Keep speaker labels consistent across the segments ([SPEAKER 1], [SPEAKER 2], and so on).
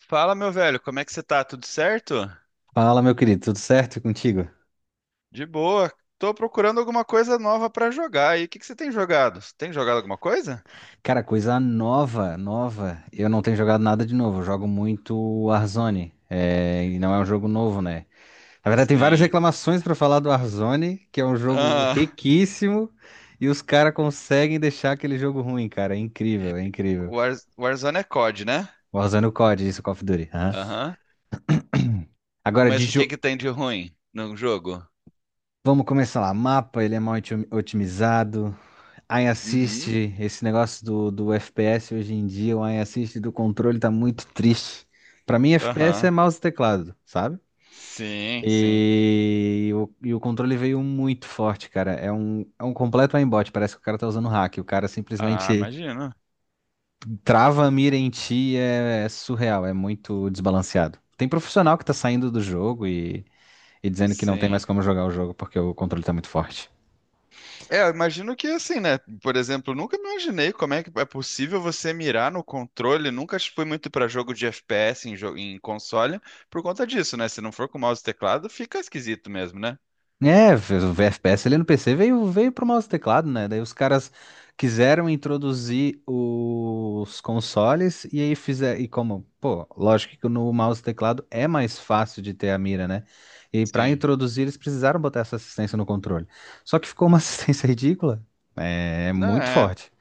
[SPEAKER 1] Fala, meu velho, como é que você tá? Tudo certo?
[SPEAKER 2] Fala, meu querido, tudo certo contigo?
[SPEAKER 1] De boa. Tô procurando alguma coisa nova pra jogar. E o que que você tem jogado? Você tem jogado alguma coisa?
[SPEAKER 2] Cara, coisa nova. Eu não tenho jogado nada de novo. Eu jogo muito Warzone. É, e não é um jogo novo, né? Na verdade, tem várias
[SPEAKER 1] Sim.
[SPEAKER 2] reclamações pra falar do Warzone, que é um jogo
[SPEAKER 1] Ah,
[SPEAKER 2] riquíssimo, e os caras conseguem deixar aquele jogo ruim, cara. É incrível.
[SPEAKER 1] Warzone é COD, né?
[SPEAKER 2] Warzone é o COD, isso, Call of Duty. Aham.
[SPEAKER 1] Aham.
[SPEAKER 2] Agora,
[SPEAKER 1] Mas o que que tem de ruim no jogo?
[SPEAKER 2] vamos começar lá. Mapa, ele é otimizado. Ai,
[SPEAKER 1] Uhum.
[SPEAKER 2] assiste esse negócio do FPS hoje em dia, o ai assiste do controle tá muito triste. Pra mim, FPS é
[SPEAKER 1] Aham.
[SPEAKER 2] mouse e teclado, sabe?
[SPEAKER 1] Sim, sim.
[SPEAKER 2] E o controle veio muito forte, cara. É um completo aimbot, parece que o cara tá usando hack. O cara
[SPEAKER 1] Ah,
[SPEAKER 2] simplesmente
[SPEAKER 1] imagino.
[SPEAKER 2] trava a mira em ti, é surreal, é muito desbalanceado. Tem profissional que tá saindo do jogo e dizendo que não tem mais
[SPEAKER 1] Sim.
[SPEAKER 2] como jogar o jogo porque o controle tá muito forte.
[SPEAKER 1] É, eu imagino que assim, né? Por exemplo, eu nunca imaginei como é que é possível você mirar no controle. Nunca fui muito para jogo de FPS em, em console por conta disso, né? Se não for com mouse e teclado, fica esquisito mesmo, né?
[SPEAKER 2] É, o FPS ali no PC veio, veio pro mouse e teclado, né? Daí os caras quiseram introduzir os consoles e aí fizeram. E como, pô, lógico que no mouse e teclado é mais fácil de ter a mira, né? E pra
[SPEAKER 1] Sim.
[SPEAKER 2] introduzir eles precisaram botar essa assistência no controle. Só que ficou uma assistência ridícula. É, é
[SPEAKER 1] Não
[SPEAKER 2] muito
[SPEAKER 1] é.
[SPEAKER 2] forte.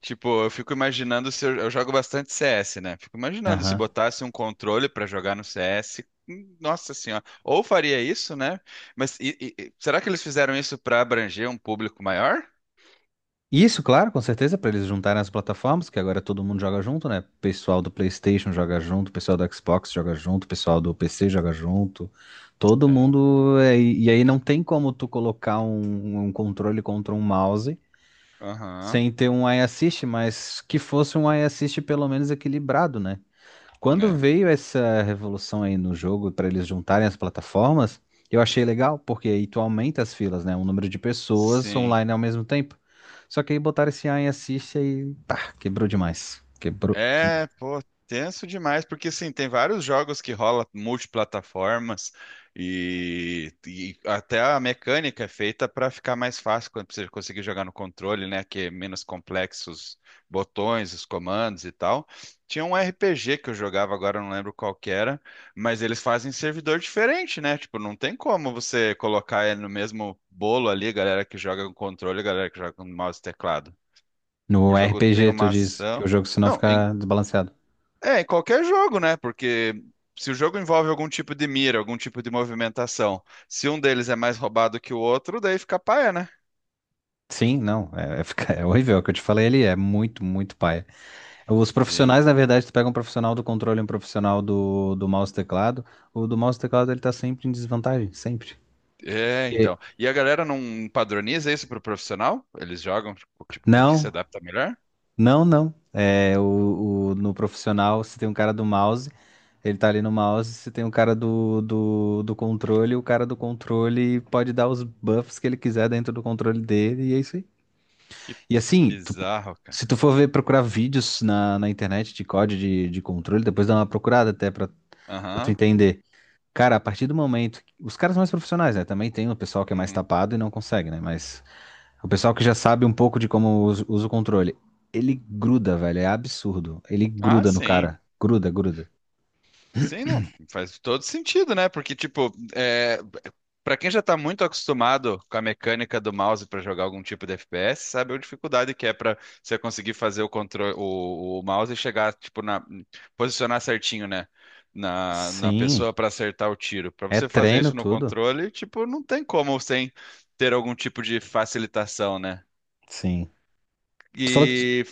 [SPEAKER 1] Tipo, eu fico imaginando se eu jogo bastante CS, né? Fico imaginando se
[SPEAKER 2] Aham.
[SPEAKER 1] botasse um controle pra jogar no CS. Nossa senhora. Ou faria isso, né? Mas será que eles fizeram isso pra abranger um público maior?
[SPEAKER 2] Isso, claro, com certeza, para eles juntarem as plataformas, que agora todo mundo joga junto, né? Pessoal do PlayStation joga junto, pessoal do Xbox joga junto, pessoal do PC joga junto. Todo
[SPEAKER 1] É.
[SPEAKER 2] mundo. E aí não tem como tu colocar um controle contra um mouse
[SPEAKER 1] Aham.
[SPEAKER 2] sem ter um eye assist, mas que fosse um eye assist pelo menos equilibrado, né? Quando
[SPEAKER 1] É.
[SPEAKER 2] veio essa revolução aí no jogo para eles juntarem as plataformas, eu achei legal, porque aí tu aumenta as filas, né? O número de pessoas
[SPEAKER 1] Sim.
[SPEAKER 2] online ao mesmo tempo. Só que aí botaram esse AI assiste e pá, quebrou demais. Quebrou demais.
[SPEAKER 1] É, pô, tenso demais, porque assim, tem vários jogos que rola multiplataformas e até a mecânica é feita para ficar mais fácil quando você conseguir jogar no controle, né, que é menos complexos botões, os comandos e tal. Tinha um RPG que eu jogava agora, eu não lembro qual que era, mas eles fazem servidor diferente, né? Tipo, não tem como você colocar ele no mesmo bolo ali, galera que joga com controle, e galera que joga com mouse e teclado.
[SPEAKER 2] No
[SPEAKER 1] O jogo tem
[SPEAKER 2] RPG, tu
[SPEAKER 1] uma
[SPEAKER 2] diz que
[SPEAKER 1] ação.
[SPEAKER 2] o jogo senão
[SPEAKER 1] Não,
[SPEAKER 2] fica desbalanceado.
[SPEAKER 1] é, em qualquer jogo, né? Porque se o jogo envolve algum tipo de mira, algum tipo de movimentação, se um deles é mais roubado que o outro, daí fica paia, né?
[SPEAKER 2] Sim, não, é horrível. O que eu te falei ali é muito paia. Os
[SPEAKER 1] Sim.
[SPEAKER 2] profissionais, na verdade, tu pega um profissional do controle e um profissional do mouse e teclado. O do mouse e teclado ele tá sempre em desvantagem, sempre.
[SPEAKER 1] É,
[SPEAKER 2] Porque-
[SPEAKER 1] então. E a galera não padroniza isso pro profissional? Eles jogam, tipo, com o que se
[SPEAKER 2] Não,
[SPEAKER 1] adapta melhor?
[SPEAKER 2] Não, não. No profissional, se tem um cara do mouse, ele tá ali no mouse, se tem um cara do controle, o cara do controle pode dar os buffs que ele quiser dentro do controle dele, e é isso aí.
[SPEAKER 1] Que
[SPEAKER 2] E assim,
[SPEAKER 1] bizarro, cara.
[SPEAKER 2] se tu for ver procurar vídeos na internet de código de controle, depois dá uma procurada até pra, pra tu
[SPEAKER 1] Aham.
[SPEAKER 2] entender. Cara, a partir do momento. Os caras mais profissionais, né? Também tem o pessoal que é mais
[SPEAKER 1] Uhum.
[SPEAKER 2] tapado e não consegue, né? Mas. O pessoal que já sabe um pouco de como usa o controle. Ele gruda, velho. É absurdo. Ele
[SPEAKER 1] Ah,
[SPEAKER 2] gruda no
[SPEAKER 1] sim.
[SPEAKER 2] cara. Gruda, gruda.
[SPEAKER 1] Sim, não, faz todo sentido, né? Porque, tipo, é, para quem já tá muito acostumado com a mecânica do mouse para jogar algum tipo de FPS, sabe a dificuldade que é para você conseguir fazer o controle, o mouse e chegar, tipo, na, posicionar certinho, né? Na
[SPEAKER 2] Sim.
[SPEAKER 1] pessoa para acertar o tiro. Para
[SPEAKER 2] É
[SPEAKER 1] você fazer
[SPEAKER 2] treino
[SPEAKER 1] isso no
[SPEAKER 2] tudo.
[SPEAKER 1] controle, tipo, não tem como sem ter algum tipo de facilitação, né?
[SPEAKER 2] Sim. Tu falou que,
[SPEAKER 1] E.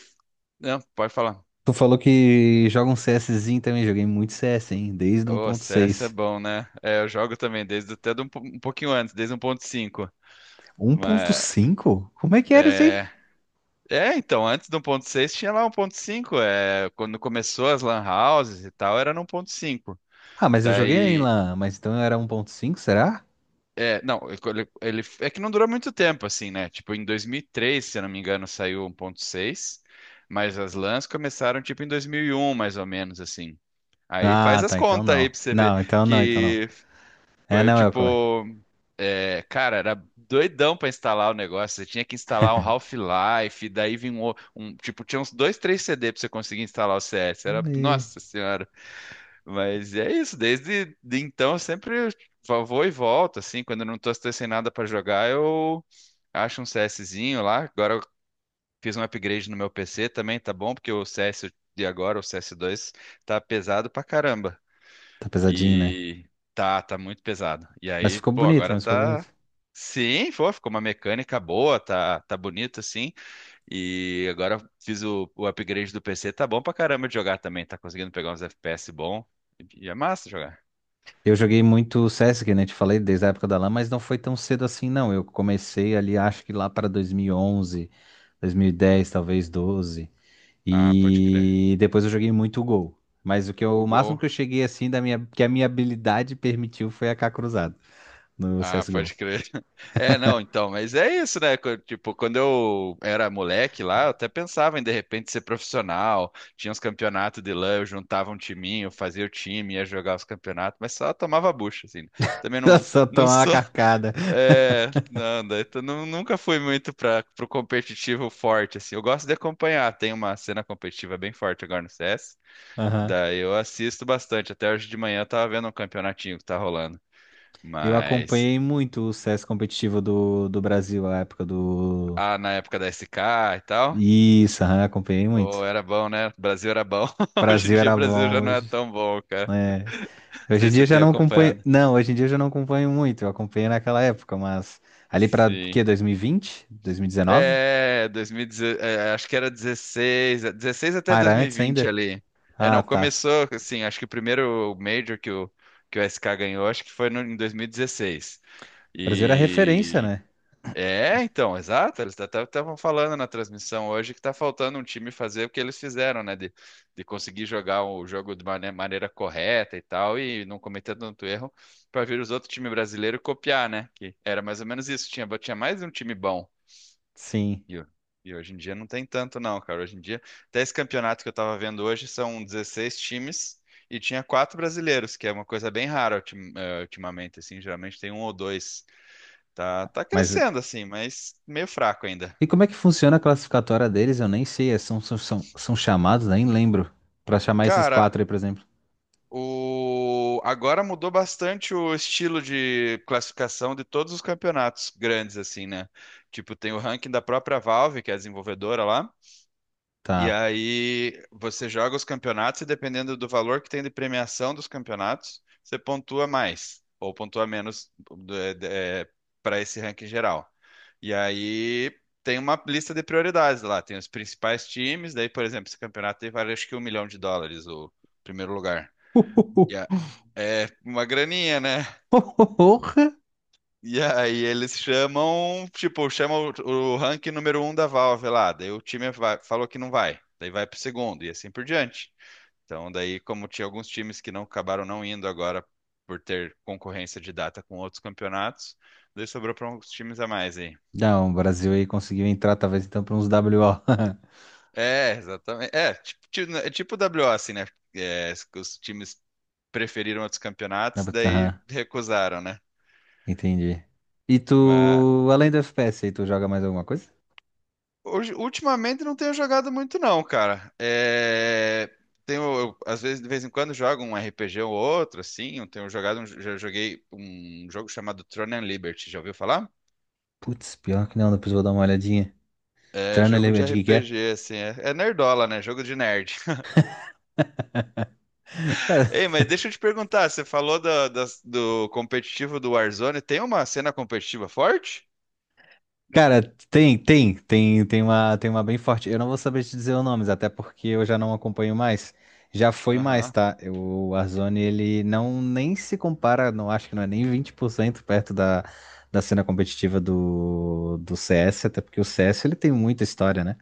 [SPEAKER 1] Não, pode falar.
[SPEAKER 2] tu falou que joga um CSzinho também. Joguei muito CS, hein? Desde
[SPEAKER 1] Ô, CS é
[SPEAKER 2] 1.6.
[SPEAKER 1] bom, né? É, eu jogo também desde até de um pouquinho antes, desde 1.5. Mas
[SPEAKER 2] 1.5? Como é que era isso aí?
[SPEAKER 1] é, é, então, antes do 1.6 tinha lá um ponto cinco. É, quando começou as LAN houses e tal, era no 1.5.
[SPEAKER 2] Ah, mas eu joguei em
[SPEAKER 1] Daí,
[SPEAKER 2] LAN. Mas então eu era 1.5, será?
[SPEAKER 1] é, não, é que não durou muito tempo assim, né? Tipo, em 2003, se eu não me engano, saiu 1.6. Mas as LANs começaram tipo em 2001, mais ou menos assim. Aí faz
[SPEAKER 2] Ah,
[SPEAKER 1] as
[SPEAKER 2] tá. Então
[SPEAKER 1] contas aí
[SPEAKER 2] não.
[SPEAKER 1] pra você ver
[SPEAKER 2] Então não.
[SPEAKER 1] que
[SPEAKER 2] É,
[SPEAKER 1] foi
[SPEAKER 2] não, é o.
[SPEAKER 1] tipo.
[SPEAKER 2] como é.
[SPEAKER 1] É, cara, era doidão pra instalar o negócio. Você tinha que instalar um Half-Life, daí vinha tipo, tinha uns dois, três CD pra você conseguir instalar o CS. Era,
[SPEAKER 2] Ih.
[SPEAKER 1] nossa senhora. Mas é isso, desde de então eu sempre vou e volto, assim. Quando eu não tô, tô sem nada pra jogar, eu acho um CSzinho lá. Agora eu fiz um upgrade no meu PC também, tá bom? Porque o CS de agora, o CS2, tá pesado pra caramba.
[SPEAKER 2] Tá pesadinho, né?
[SPEAKER 1] E tá muito pesado. E
[SPEAKER 2] Mas
[SPEAKER 1] aí,
[SPEAKER 2] ficou
[SPEAKER 1] pô,
[SPEAKER 2] bonito,
[SPEAKER 1] agora
[SPEAKER 2] mas ficou bonito.
[SPEAKER 1] tá. Sim, pô, ficou uma mecânica boa, tá bonito assim. E agora fiz o upgrade do PC, tá bom pra caramba de jogar também. Tá conseguindo pegar uns FPS bom. E é massa jogar.
[SPEAKER 2] Eu joguei muito CS, que nem te falei, desde a época da LAN, mas não foi tão cedo assim, não. Eu comecei ali, acho que lá para 2011, 2010, talvez 12.
[SPEAKER 1] Ah, pode crer.
[SPEAKER 2] E depois eu joguei muito Gol. Mas o o
[SPEAKER 1] O
[SPEAKER 2] máximo
[SPEAKER 1] Gol.
[SPEAKER 2] que eu cheguei assim da minha, que a minha habilidade permitiu foi a AK cruzado no
[SPEAKER 1] Ah,
[SPEAKER 2] CS:GO.
[SPEAKER 1] pode crer. É, não, então, mas é isso, né? Tipo, quando eu era moleque lá, eu até pensava em de repente ser profissional. Tinha uns campeonatos de lã, eu juntava um timinho, fazia o time, ia jogar os campeonatos, mas só tomava bucha, assim. Também não,
[SPEAKER 2] Só
[SPEAKER 1] não
[SPEAKER 2] tomar uma
[SPEAKER 1] sou.
[SPEAKER 2] carcada.
[SPEAKER 1] É, não, daí tu nunca fui muito para pro competitivo forte, assim. Eu gosto de acompanhar, tem uma cena competitiva bem forte agora no CS.
[SPEAKER 2] Aham.
[SPEAKER 1] Daí eu assisto bastante. Até hoje de manhã eu tava vendo um campeonatinho que tá rolando.
[SPEAKER 2] Eu
[SPEAKER 1] Mas.
[SPEAKER 2] acompanhei muito o CS competitivo do Brasil, a época do.
[SPEAKER 1] Ah, na época da SK e tal.
[SPEAKER 2] Isso, aham, acompanhei
[SPEAKER 1] Oh,
[SPEAKER 2] muito.
[SPEAKER 1] era bom, né? O Brasil era bom. Hoje em
[SPEAKER 2] Brasil
[SPEAKER 1] dia o
[SPEAKER 2] era
[SPEAKER 1] Brasil
[SPEAKER 2] bom
[SPEAKER 1] já não é
[SPEAKER 2] hoje.
[SPEAKER 1] tão bom, cara. Não
[SPEAKER 2] Hoje em
[SPEAKER 1] sei se
[SPEAKER 2] dia
[SPEAKER 1] você
[SPEAKER 2] eu já
[SPEAKER 1] tem
[SPEAKER 2] não acompanho.
[SPEAKER 1] acompanhado.
[SPEAKER 2] Não, hoje em dia eu já não acompanho muito. Eu acompanhei naquela época, mas ali pra
[SPEAKER 1] Sim.
[SPEAKER 2] quê? 2020? 2019?
[SPEAKER 1] É, 2016, é, acho que era 16, é, 16 até
[SPEAKER 2] Ah, era antes
[SPEAKER 1] 2020
[SPEAKER 2] ainda?
[SPEAKER 1] ali. É,
[SPEAKER 2] Ah,
[SPEAKER 1] não,
[SPEAKER 2] tá.
[SPEAKER 1] começou assim, acho que o primeiro Major que o SK ganhou, acho que foi em 2016.
[SPEAKER 2] O Brasil era referência,
[SPEAKER 1] E 16. E.
[SPEAKER 2] né?
[SPEAKER 1] É, então, exato. Eles até estavam falando na transmissão hoje que está faltando um time fazer o que eles fizeram, né? De conseguir jogar o jogo de maneira correta e tal, e não cometer tanto erro para vir os outros times brasileiros copiar, né? Que era mais ou menos isso. Tinha mais um time bom.
[SPEAKER 2] Sim.
[SPEAKER 1] E, o- e hoje em dia não tem tanto, não, cara. Hoje em dia, até esse campeonato que eu estava vendo hoje são 16 times e tinha quatro brasileiros, que é uma coisa bem rara ultimamente, assim. Geralmente tem um ou dois. Tá
[SPEAKER 2] Mas
[SPEAKER 1] crescendo assim, mas meio fraco ainda.
[SPEAKER 2] e como é que funciona a classificatória deles? Eu nem sei. São chamados, nem lembro. Pra chamar esses
[SPEAKER 1] Cara,
[SPEAKER 2] quatro aí, por exemplo.
[SPEAKER 1] o agora mudou bastante o estilo de classificação de todos os campeonatos grandes assim, né? Tipo, tem o ranking da própria Valve, que é a desenvolvedora lá. E
[SPEAKER 2] Tá.
[SPEAKER 1] aí você joga os campeonatos e dependendo do valor que tem de premiação dos campeonatos, você pontua mais ou pontua menos para esse ranking geral. E aí tem uma lista de prioridades lá, tem os principais times, daí, por exemplo, esse campeonato tem vale acho que um milhão de dólares o primeiro lugar. E a- É uma graninha, né?
[SPEAKER 2] Porra!
[SPEAKER 1] E aí eles chamam, tipo, chamam o ranking número um da Valve lá, daí o time falou que não vai, daí vai pro segundo e assim por diante. Então, daí, como tinha alguns times que não acabaram não indo agora por ter concorrência de data com outros campeonatos, daí sobrou para uns times a mais aí.
[SPEAKER 2] Não, o Brasil aí conseguiu entrar, talvez então, pra uns WO.
[SPEAKER 1] É, exatamente. É, tipo, né, é tipo WO, assim, né? É, os times preferiram outros campeonatos, daí
[SPEAKER 2] Aham,
[SPEAKER 1] recusaram, né?
[SPEAKER 2] entendi. E
[SPEAKER 1] Mas
[SPEAKER 2] tu, além do FPS aí, tu joga mais alguma coisa?
[SPEAKER 1] hoje, ultimamente não tenho jogado muito, não, cara. É, tenho, eu, às vezes, de vez em quando, jogo um RPG ou outro, assim. Eu tenho jogado, já joguei um jogo chamado Throne and Liberty, já ouviu falar?
[SPEAKER 2] Putz, pior que não, depois eu vou dar uma olhadinha.
[SPEAKER 1] É,
[SPEAKER 2] Terno ele
[SPEAKER 1] jogo de
[SPEAKER 2] é de que é?
[SPEAKER 1] RPG, assim, é nerdola, né? Jogo de nerd. Ei, mas deixa eu te perguntar, você falou do, competitivo do Warzone, tem uma cena competitiva forte?
[SPEAKER 2] Cara, tem uma bem forte. Eu não vou saber te dizer os nomes, até porque eu já não acompanho mais. Já foi mais,
[SPEAKER 1] Aham.
[SPEAKER 2] tá? O Warzone, ele não nem se compara, não acho que não é nem 20% perto da, da cena competitiva do CS, até porque o CS ele tem muita história, né?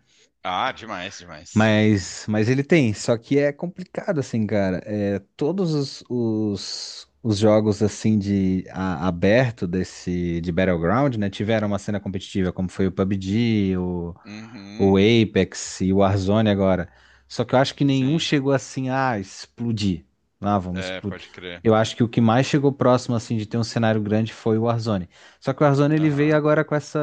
[SPEAKER 1] Ah, demais, demais.
[SPEAKER 2] Mas ele tem, só que é complicado assim, cara. É, todos os jogos assim de aberto desse de Battleground, né, tiveram uma cena competitiva, como foi o PUBG, o
[SPEAKER 1] Uhum,
[SPEAKER 2] Apex e o Warzone agora. Só que eu acho que nenhum
[SPEAKER 1] sim.
[SPEAKER 2] chegou assim a explodir. Ah, vamos
[SPEAKER 1] É,
[SPEAKER 2] explodir.
[SPEAKER 1] pode crer.
[SPEAKER 2] Eu acho que o que mais chegou próximo assim de ter um cenário grande foi o Warzone. Só que o Warzone ele veio
[SPEAKER 1] Aham.
[SPEAKER 2] agora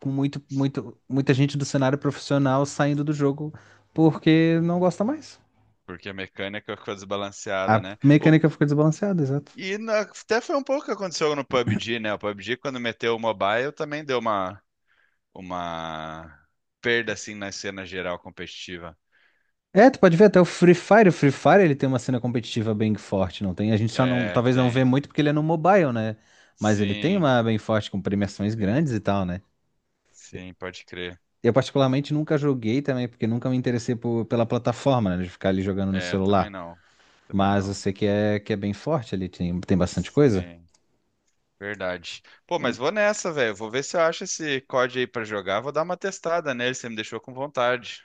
[SPEAKER 2] com muita gente do cenário profissional saindo do jogo porque não gosta mais.
[SPEAKER 1] Porque a mecânica ficou desbalanceada,
[SPEAKER 2] A
[SPEAKER 1] né? O.
[SPEAKER 2] mecânica ficou desbalanceada, exato.
[SPEAKER 1] E até foi um pouco o que aconteceu no PUBG, né? O PUBG, quando meteu o mobile, também deu uma perda, assim, na cena geral competitiva.
[SPEAKER 2] É, tu pode ver até o Free Fire. O Free Fire ele tem uma cena competitiva bem forte, não tem? A gente só não,
[SPEAKER 1] É,
[SPEAKER 2] talvez não vê
[SPEAKER 1] tem.
[SPEAKER 2] muito porque ele é no mobile, né? Mas ele tem
[SPEAKER 1] Sim.
[SPEAKER 2] uma bem forte com premiações
[SPEAKER 1] Sim,
[SPEAKER 2] grandes e tal, né?
[SPEAKER 1] sim, pode crer.
[SPEAKER 2] Eu particularmente nunca joguei também porque nunca me interessei pela plataforma, né? De ficar ali jogando no
[SPEAKER 1] É, eu também
[SPEAKER 2] celular.
[SPEAKER 1] não. Também
[SPEAKER 2] Mas eu
[SPEAKER 1] não.
[SPEAKER 2] sei que é bem forte ali, tem, tem bastante coisa.
[SPEAKER 1] Sim, verdade. Pô, mas vou nessa, velho. Vou ver se eu acho esse código aí pra jogar. Vou dar uma testada nele, você me deixou com vontade.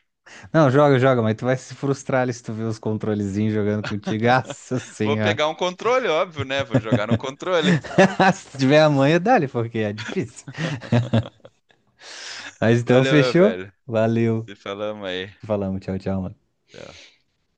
[SPEAKER 2] Não, joga, joga, mas tu vai se frustrar ali se tu ver os controlezinhos jogando contigo. Nossa
[SPEAKER 1] Vou
[SPEAKER 2] senhora.
[SPEAKER 1] pegar um controle, óbvio, né? Vou jogar no controle.
[SPEAKER 2] Se tu tiver a manha, dá-lhe, porque é difícil. Mas então,
[SPEAKER 1] Valeu, meu
[SPEAKER 2] fechou?
[SPEAKER 1] velho.
[SPEAKER 2] Valeu.
[SPEAKER 1] Se falamos aí.
[SPEAKER 2] Falamos, tchau, tchau, mano.
[SPEAKER 1] Tchau.